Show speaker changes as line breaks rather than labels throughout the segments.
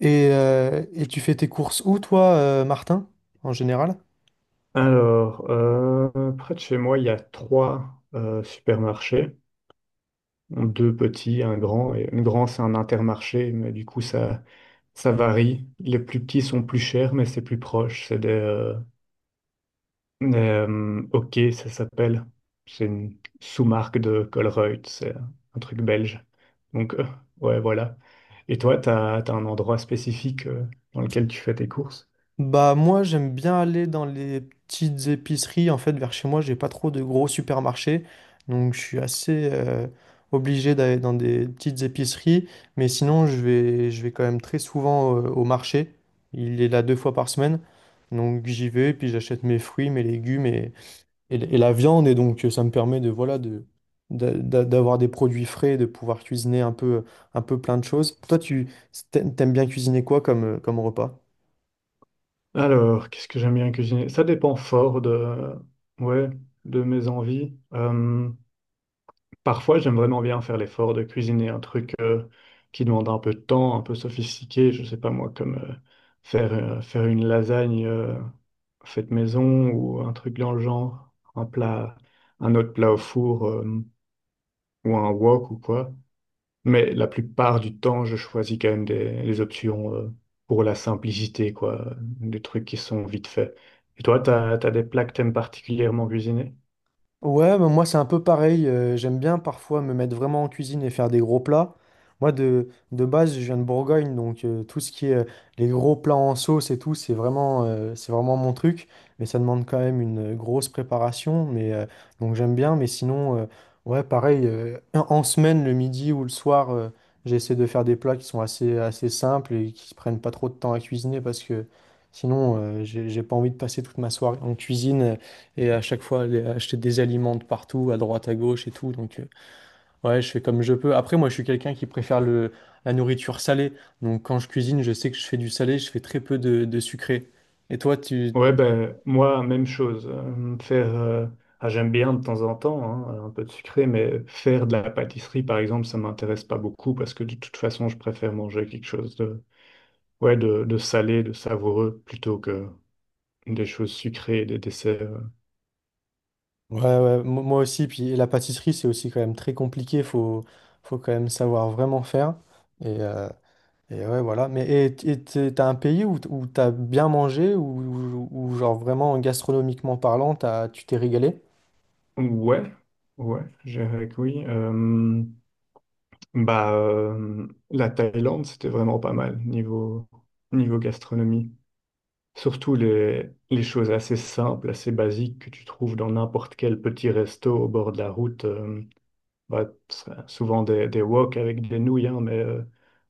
Et tu fais tes courses où, toi, Martin, en général?
Alors, près de chez moi, il y a trois supermarchés, deux petits, un grand. Et le grand, c'est un intermarché, mais du coup, ça varie. Les plus petits sont plus chers, mais c'est plus proche. C'est des OK, ça s'appelle. C'est une sous-marque de Colruyt, c'est un truc belge. Donc, ouais, voilà. Et toi, t'as un endroit spécifique dans lequel tu fais tes courses?
Bah moi, j'aime bien aller dans les petites épiceries. En fait, vers chez moi, j'ai pas trop de gros supermarchés, donc je suis assez obligé d'aller dans des petites épiceries. Mais sinon, je vais quand même très souvent au marché. Il est là deux fois par semaine, donc j'y vais puis j'achète mes fruits, mes légumes, et la viande, et donc ça me permet de, voilà, d'avoir des produits frais, de pouvoir cuisiner un peu plein de choses. Toi, t'aimes bien cuisiner quoi comme, comme repas?
Alors, qu'est-ce que j'aime bien cuisiner? Ça dépend fort de, ouais, de mes envies. Parfois, j'aime vraiment bien faire l'effort de cuisiner un truc qui demande un peu de temps, un peu sophistiqué. Je sais pas moi, comme faire une lasagne faite maison ou un truc dans le genre, un plat, un autre plat au four ou un wok ou quoi. Mais la plupart du temps, je choisis quand même des options pour la simplicité, quoi, des trucs qui sont vite faits. Et toi, t'as des plats que t'aimes particulièrement cuisiner?
Ouais, mais moi c'est un peu pareil. J'aime bien parfois me mettre vraiment en cuisine et faire des gros plats. Moi de base, je viens de Bourgogne, donc tout ce qui est les gros plats en sauce et tout, c'est vraiment mon truc. Mais ça demande quand même une grosse préparation. Donc j'aime bien. Mais sinon, ouais, pareil. En semaine, le midi ou le soir, j'essaie de faire des plats qui sont assez simples et qui prennent pas trop de temps à cuisiner parce que sinon, j'ai pas envie de passer toute ma soirée en cuisine. Et à chaque fois, aller acheter des aliments de partout, à droite, à gauche et tout. Donc, ouais, je fais comme je peux. Après, moi, je suis quelqu'un qui préfère la nourriture salée. Donc, quand je cuisine, je sais que je fais du salé, je fais très peu de sucré. Et toi, tu...
Ouais, ben moi, même chose. J'aime bien de temps en temps, hein, un peu de sucré, mais faire de la pâtisserie, par exemple, ça m'intéresse pas beaucoup parce que de toute façon, je préfère manger quelque chose de, ouais, de salé, de savoureux, plutôt que des choses sucrées, des desserts.
Ouais, ouais, moi aussi. Puis la pâtisserie, c'est aussi quand même très compliqué. Faut quand même savoir vraiment faire. Et, euh, et ouais, voilà. Et t'as un pays où t'as bien mangé, ou genre vraiment gastronomiquement parlant, tu t'es régalé?
Ouais, ouais, je dirais que oui. Bah, euh, la Thaïlande, c'était vraiment pas mal niveau, niveau gastronomie. Surtout les choses assez simples, assez basiques que tu trouves dans n'importe quel petit resto au bord de la route. Bah, c'est souvent des wok avec des nouilles, hein, mais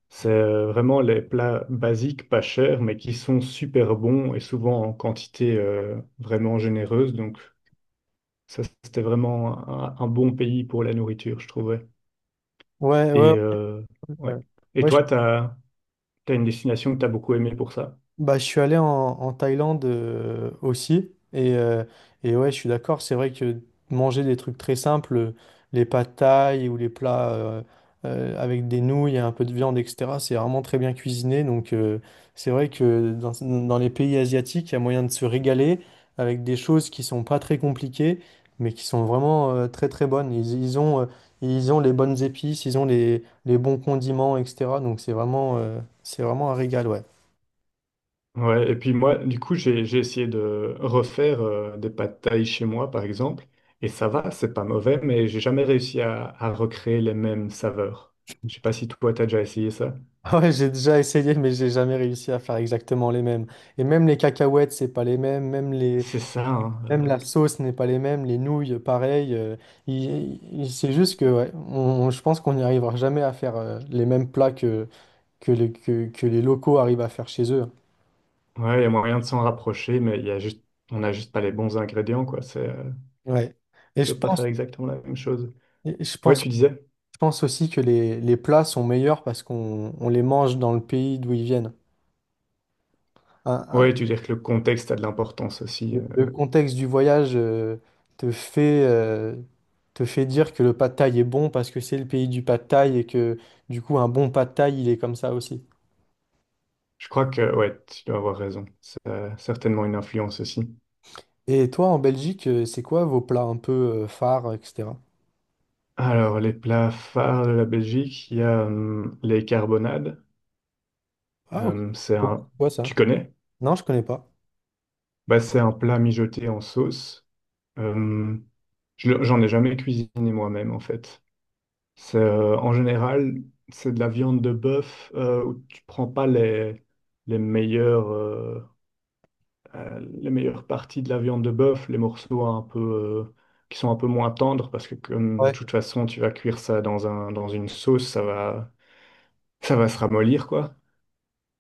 c'est vraiment les plats basiques, pas chers, mais qui sont super bons et souvent en quantité vraiment généreuse. Donc, ça, c'était vraiment un bon pays pour la nourriture, je trouvais.
Ouais, ouais.
Et,
Ouais.
ouais. Et
Ouais,
toi, t'as une destination que t'as beaucoup aimée pour ça.
bah, je suis allé en Thaïlande aussi. Et ouais, je suis d'accord. C'est vrai que manger des trucs très simples, les pâtes thaï ou les plats avec des nouilles et un peu de viande, etc., c'est vraiment très bien cuisiné. Donc, c'est vrai que dans les pays asiatiques, il y a moyen de se régaler avec des choses qui sont pas très compliquées, mais qui sont vraiment très très bonnes. Ils ont, ils ont les bonnes épices, ils ont les bons condiments, etc. Donc, c'est vraiment un régal, ouais.
Ouais, et puis moi, du coup, j'ai essayé de refaire des pâtes thaï chez moi, par exemple, et ça va, c'est pas mauvais, mais j'ai jamais réussi à recréer les mêmes saveurs. Je sais pas si toi, t'as déjà essayé ça.
Ah ouais, j'ai déjà essayé, mais j'ai jamais réussi à faire exactement les mêmes. Et même les cacahuètes, c'est pas les mêmes.
C'est ça, hein.
Même la sauce n'est pas les mêmes. Les nouilles, pareil. C'est juste que, ouais, je pense qu'on n'y arrivera jamais à faire les mêmes plats que les locaux arrivent à faire chez eux.
Ouais, il y a moyen de s'en rapprocher, mais il y a juste, on n'a juste pas les bons ingrédients, quoi.
Ouais. Et
On
je
peut pas
pense,
faire exactement la même chose.
et je
Ouais,
pense,
tu disais?
je pense aussi que les plats sont meilleurs parce qu'on les mange dans le pays d'où ils viennent.
Ouais, tu dis que le contexte a de l'importance aussi.
Le le contexte du voyage te fait, euh, te fait dire que le pad thaï est bon parce que c'est le pays du pad thaï et que du coup un bon pad thaï il est comme ça aussi.
Je crois que, ouais, tu dois avoir raison. C'est certainement une influence aussi.
Et toi en Belgique, c'est quoi vos plats un peu phares, etc.?
Alors, les plats phares de la Belgique, il y a les carbonades.
Ah ok,
C'est un...
c'est quoi
Tu
ça?
connais?
Non, je connais pas.
Bah, c'est un plat mijoté en sauce. Hum, j'en ai jamais cuisiné moi-même, en fait. C'est, en général, c'est de la viande de bœuf où tu prends pas les meilleures, euh, les meilleures parties de la viande de bœuf, les morceaux un peu, qui sont un peu moins tendres, parce que comme de
Ouais.
toute façon, tu vas cuire ça dans dans une sauce, ça va se ramollir, quoi.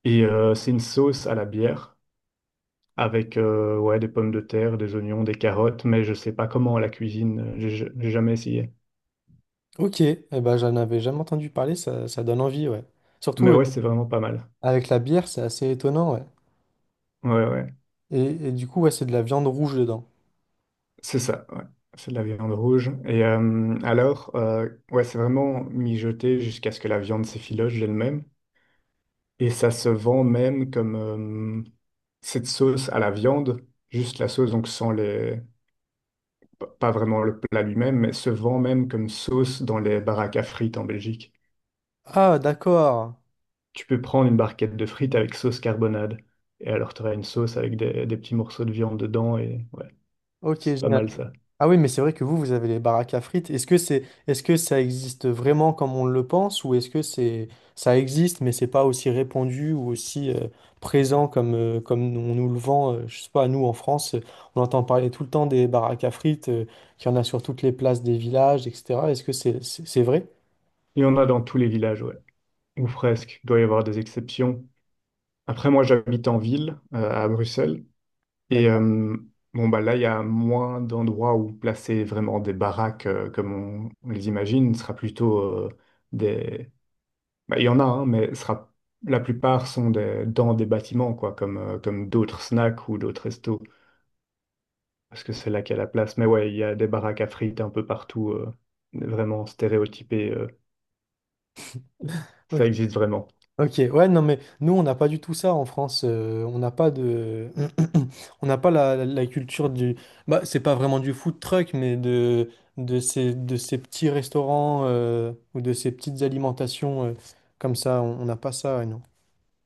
Et c'est une sauce à la bière avec ouais, des pommes de terre, des oignons, des carottes, mais je sais pas comment on la cuisine, j'ai jamais essayé.
Ok, eh ben, j'en avais jamais entendu parler, ça donne envie, ouais. Surtout
Mais ouais, c'est vraiment pas mal.
avec la bière, c'est assez étonnant, ouais.
Ouais, ouais,
Et, et du coup, ouais, c'est de la viande rouge dedans.
c'est ça, ouais. C'est de la viande rouge. Et alors, ouais, c'est vraiment mijoté jusqu'à ce que la viande s'effiloche d'elle-même. Et ça se vend même comme cette sauce à la viande, juste la sauce, donc sans les... pas vraiment le plat lui-même, mais se vend même comme sauce dans les baraques à frites en Belgique.
Ah d'accord,
Tu peux prendre une barquette de frites avec sauce carbonade. Et alors, tu auras une sauce avec des petits morceaux de viande dedans. Et ouais,
ok,
c'est pas
génial.
mal ça.
Ah oui, mais c'est vrai que vous avez les baraques à frites. Est-ce que ça existe vraiment comme on le pense, ou est-ce ça existe, mais c'est pas aussi répandu ou aussi présent comme, comme on nous le vend, je sais pas, nous en France, on entend parler tout le temps des baraques à frites, qu'il y en a sur toutes les places des villages, etc. Est-ce que c'est vrai?
Il y en a dans tous les villages, ouais. Ou presque. Il doit y avoir des exceptions. Après, moi, j'habite en ville, à Bruxelles. Et
D'accord.
bon, bah là, il y a moins d'endroits où placer vraiment des baraques comme on les imagine. Ce sera plutôt des. Bah, il y en a, hein, mais ce sera... la plupart sont des... dans des bâtiments, quoi, comme, comme d'autres snacks ou d'autres restos. Parce que c'est là qu'il y a la place. Mais ouais, il y a des baraques à frites un peu partout, vraiment stéréotypées.
Ok.
Ça existe vraiment.
Ok, ouais, non, mais nous, on n'a pas du tout ça en France. On n'a pas de. On n'a pas la culture du. Bah, c'est pas vraiment du food truck, mais de ces petits restaurants ou de ces petites alimentations comme ça. On n'a pas ça, ouais, non.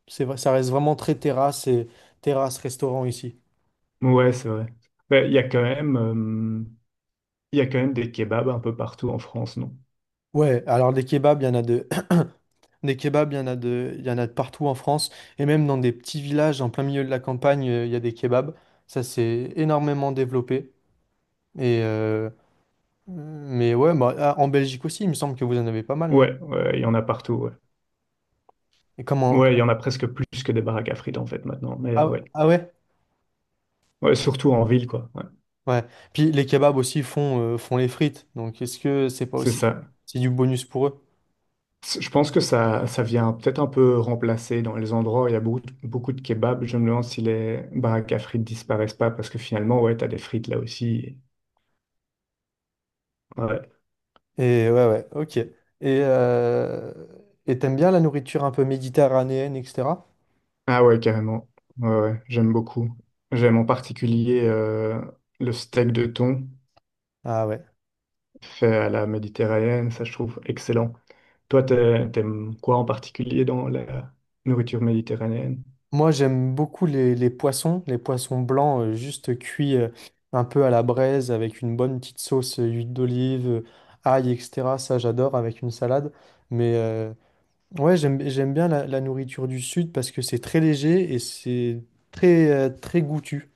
C'est vrai, ça reste vraiment très terrasse et terrasse-restaurant ici.
Ouais, c'est vrai. Mais il y a quand même des kebabs un peu partout en France, non?
Ouais, alors des kebabs, il y en a de. Des kebabs, il y en a de partout en France. Et même dans des petits villages en plein milieu de la campagne, il y a des kebabs. Ça s'est énormément développé. Et euh, mais ouais, bah, ah, en Belgique aussi, il me semble que vous en avez pas mal, non?
Ouais, ouais, il y en a partout, ouais.
Et
Ouais,
comment-
il y en a presque plus que des baraques à frites en fait maintenant. Mais
Ah,
ouais,
ah ouais?
ouais, surtout en ville, quoi. Ouais,
Ouais. Puis les kebabs aussi font, font les frites. Donc est-ce que c'est pas
c'est
aussi
ça.
c'est du bonus pour eux?
Je pense que ça vient peut-être un peu remplacer dans les endroits où il y a beaucoup de kebabs. Je me demande si les baraques à frites disparaissent pas parce que finalement, ouais, t'as des frites là aussi. Ouais.
Et ouais, ouais, ok. Euh, et t'aimes bien la nourriture un peu méditerranéenne, etc.?
Ah ouais, carrément. Ouais, ouais, j'aime beaucoup. J'aime en particulier le steak de thon
Ah ouais.
fait à la méditerranéenne, ça je trouve excellent. Toi, t'aimes quoi en particulier dans la nourriture méditerranéenne?
Moi, j'aime beaucoup les poissons blancs juste cuits un peu à la braise avec une bonne petite sauce huile d'olive, ail, etc. Ça, j'adore avec une salade. Mais, euh, Ouais, j'aime bien la nourriture du sud parce que c'est très léger et c'est très goûtu.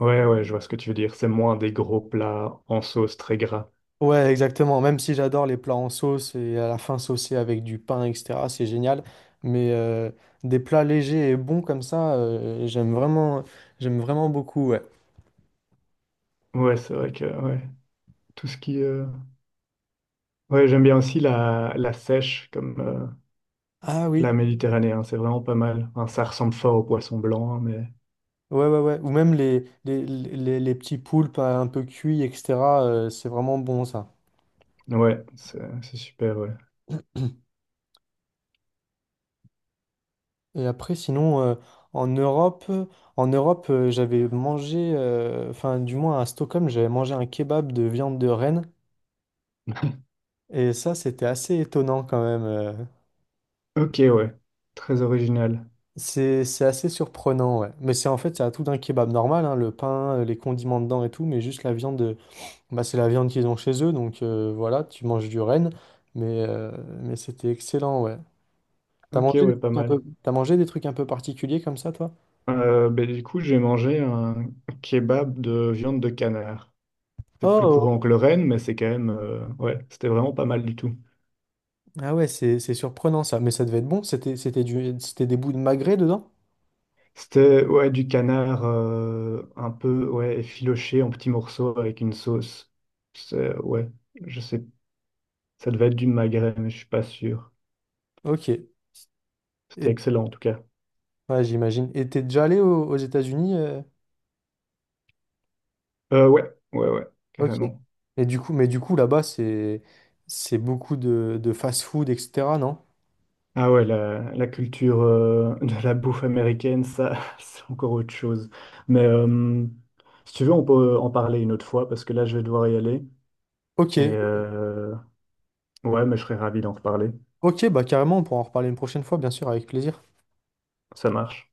Ouais, ouais, je vois ce que tu veux dire. C'est moins des gros plats en sauce très gras.
Ouais, exactement. Même si j'adore les plats en sauce et à la fin saucés avec du pain, etc., c'est génial. Mais euh, des plats légers et bons comme ça, j'aime vraiment beaucoup. Ouais.
Ouais, c'est vrai que ouais, tout ce qui... euh, ouais, j'aime bien aussi la, la sèche comme
Ah
plat
oui,
méditerranéen, c'est vraiment pas mal. Enfin, ça ressemble fort au poisson blanc, hein, mais
ouais, ouais, ouais. Ou même les petits poulpes un peu cuits, etc., c'est vraiment bon ça.
ouais, c'est super, ouais.
Et après, sinon, en Europe, euh, en Europe, j'avais mangé, enfin, du moins à Stockholm, j'avais mangé un kebab de viande de renne. Et ça, c'était assez étonnant quand même.
Ok, ouais. Très original.
C'est assez surprenant, ouais. Mais c'est en fait, c'est à tout d'un kebab normal, hein, le pain, les condiments dedans et tout, mais juste la viande, bah, c'est la viande qu'ils ont chez eux, donc voilà, tu manges du renne. Mais, euh, mais c'était excellent, ouais.
Ok, ouais, pas mal.
T'as mangé des trucs un peu particuliers comme ça, toi?
Ben, du coup, j'ai mangé un kebab de viande de canard. C'est plus courant
Oh!
que le renne, mais c'est quand même... ouais, c'était vraiment pas mal du tout.
Ah ouais, c'est surprenant ça, mais ça devait être bon. C'était des bouts de magret dedans?
C'était, ouais, du canard un peu, ouais, effiloché en petits morceaux avec une sauce. C'est, ouais, je sais. Ça devait être du magret, mais je suis pas sûr.
Ok.
C'était
Et,
excellent, en tout cas.
ouais, j'imagine. Et t'es déjà allé aux États-Unis?
Euh, ouais, ouais,
Ok.
carrément.
Et du coup, là-bas c'est beaucoup de fast-food, etc., non?
Ah ouais, la culture de la bouffe américaine, ça, c'est encore autre chose. Mais si tu veux, on peut en parler une autre fois parce que là, je vais devoir y aller.
Ok.
Et ouais, mais je serais ravi d'en reparler.
Ok, bah carrément, on pourra en reparler une prochaine fois, bien sûr, avec plaisir.
Ça marche.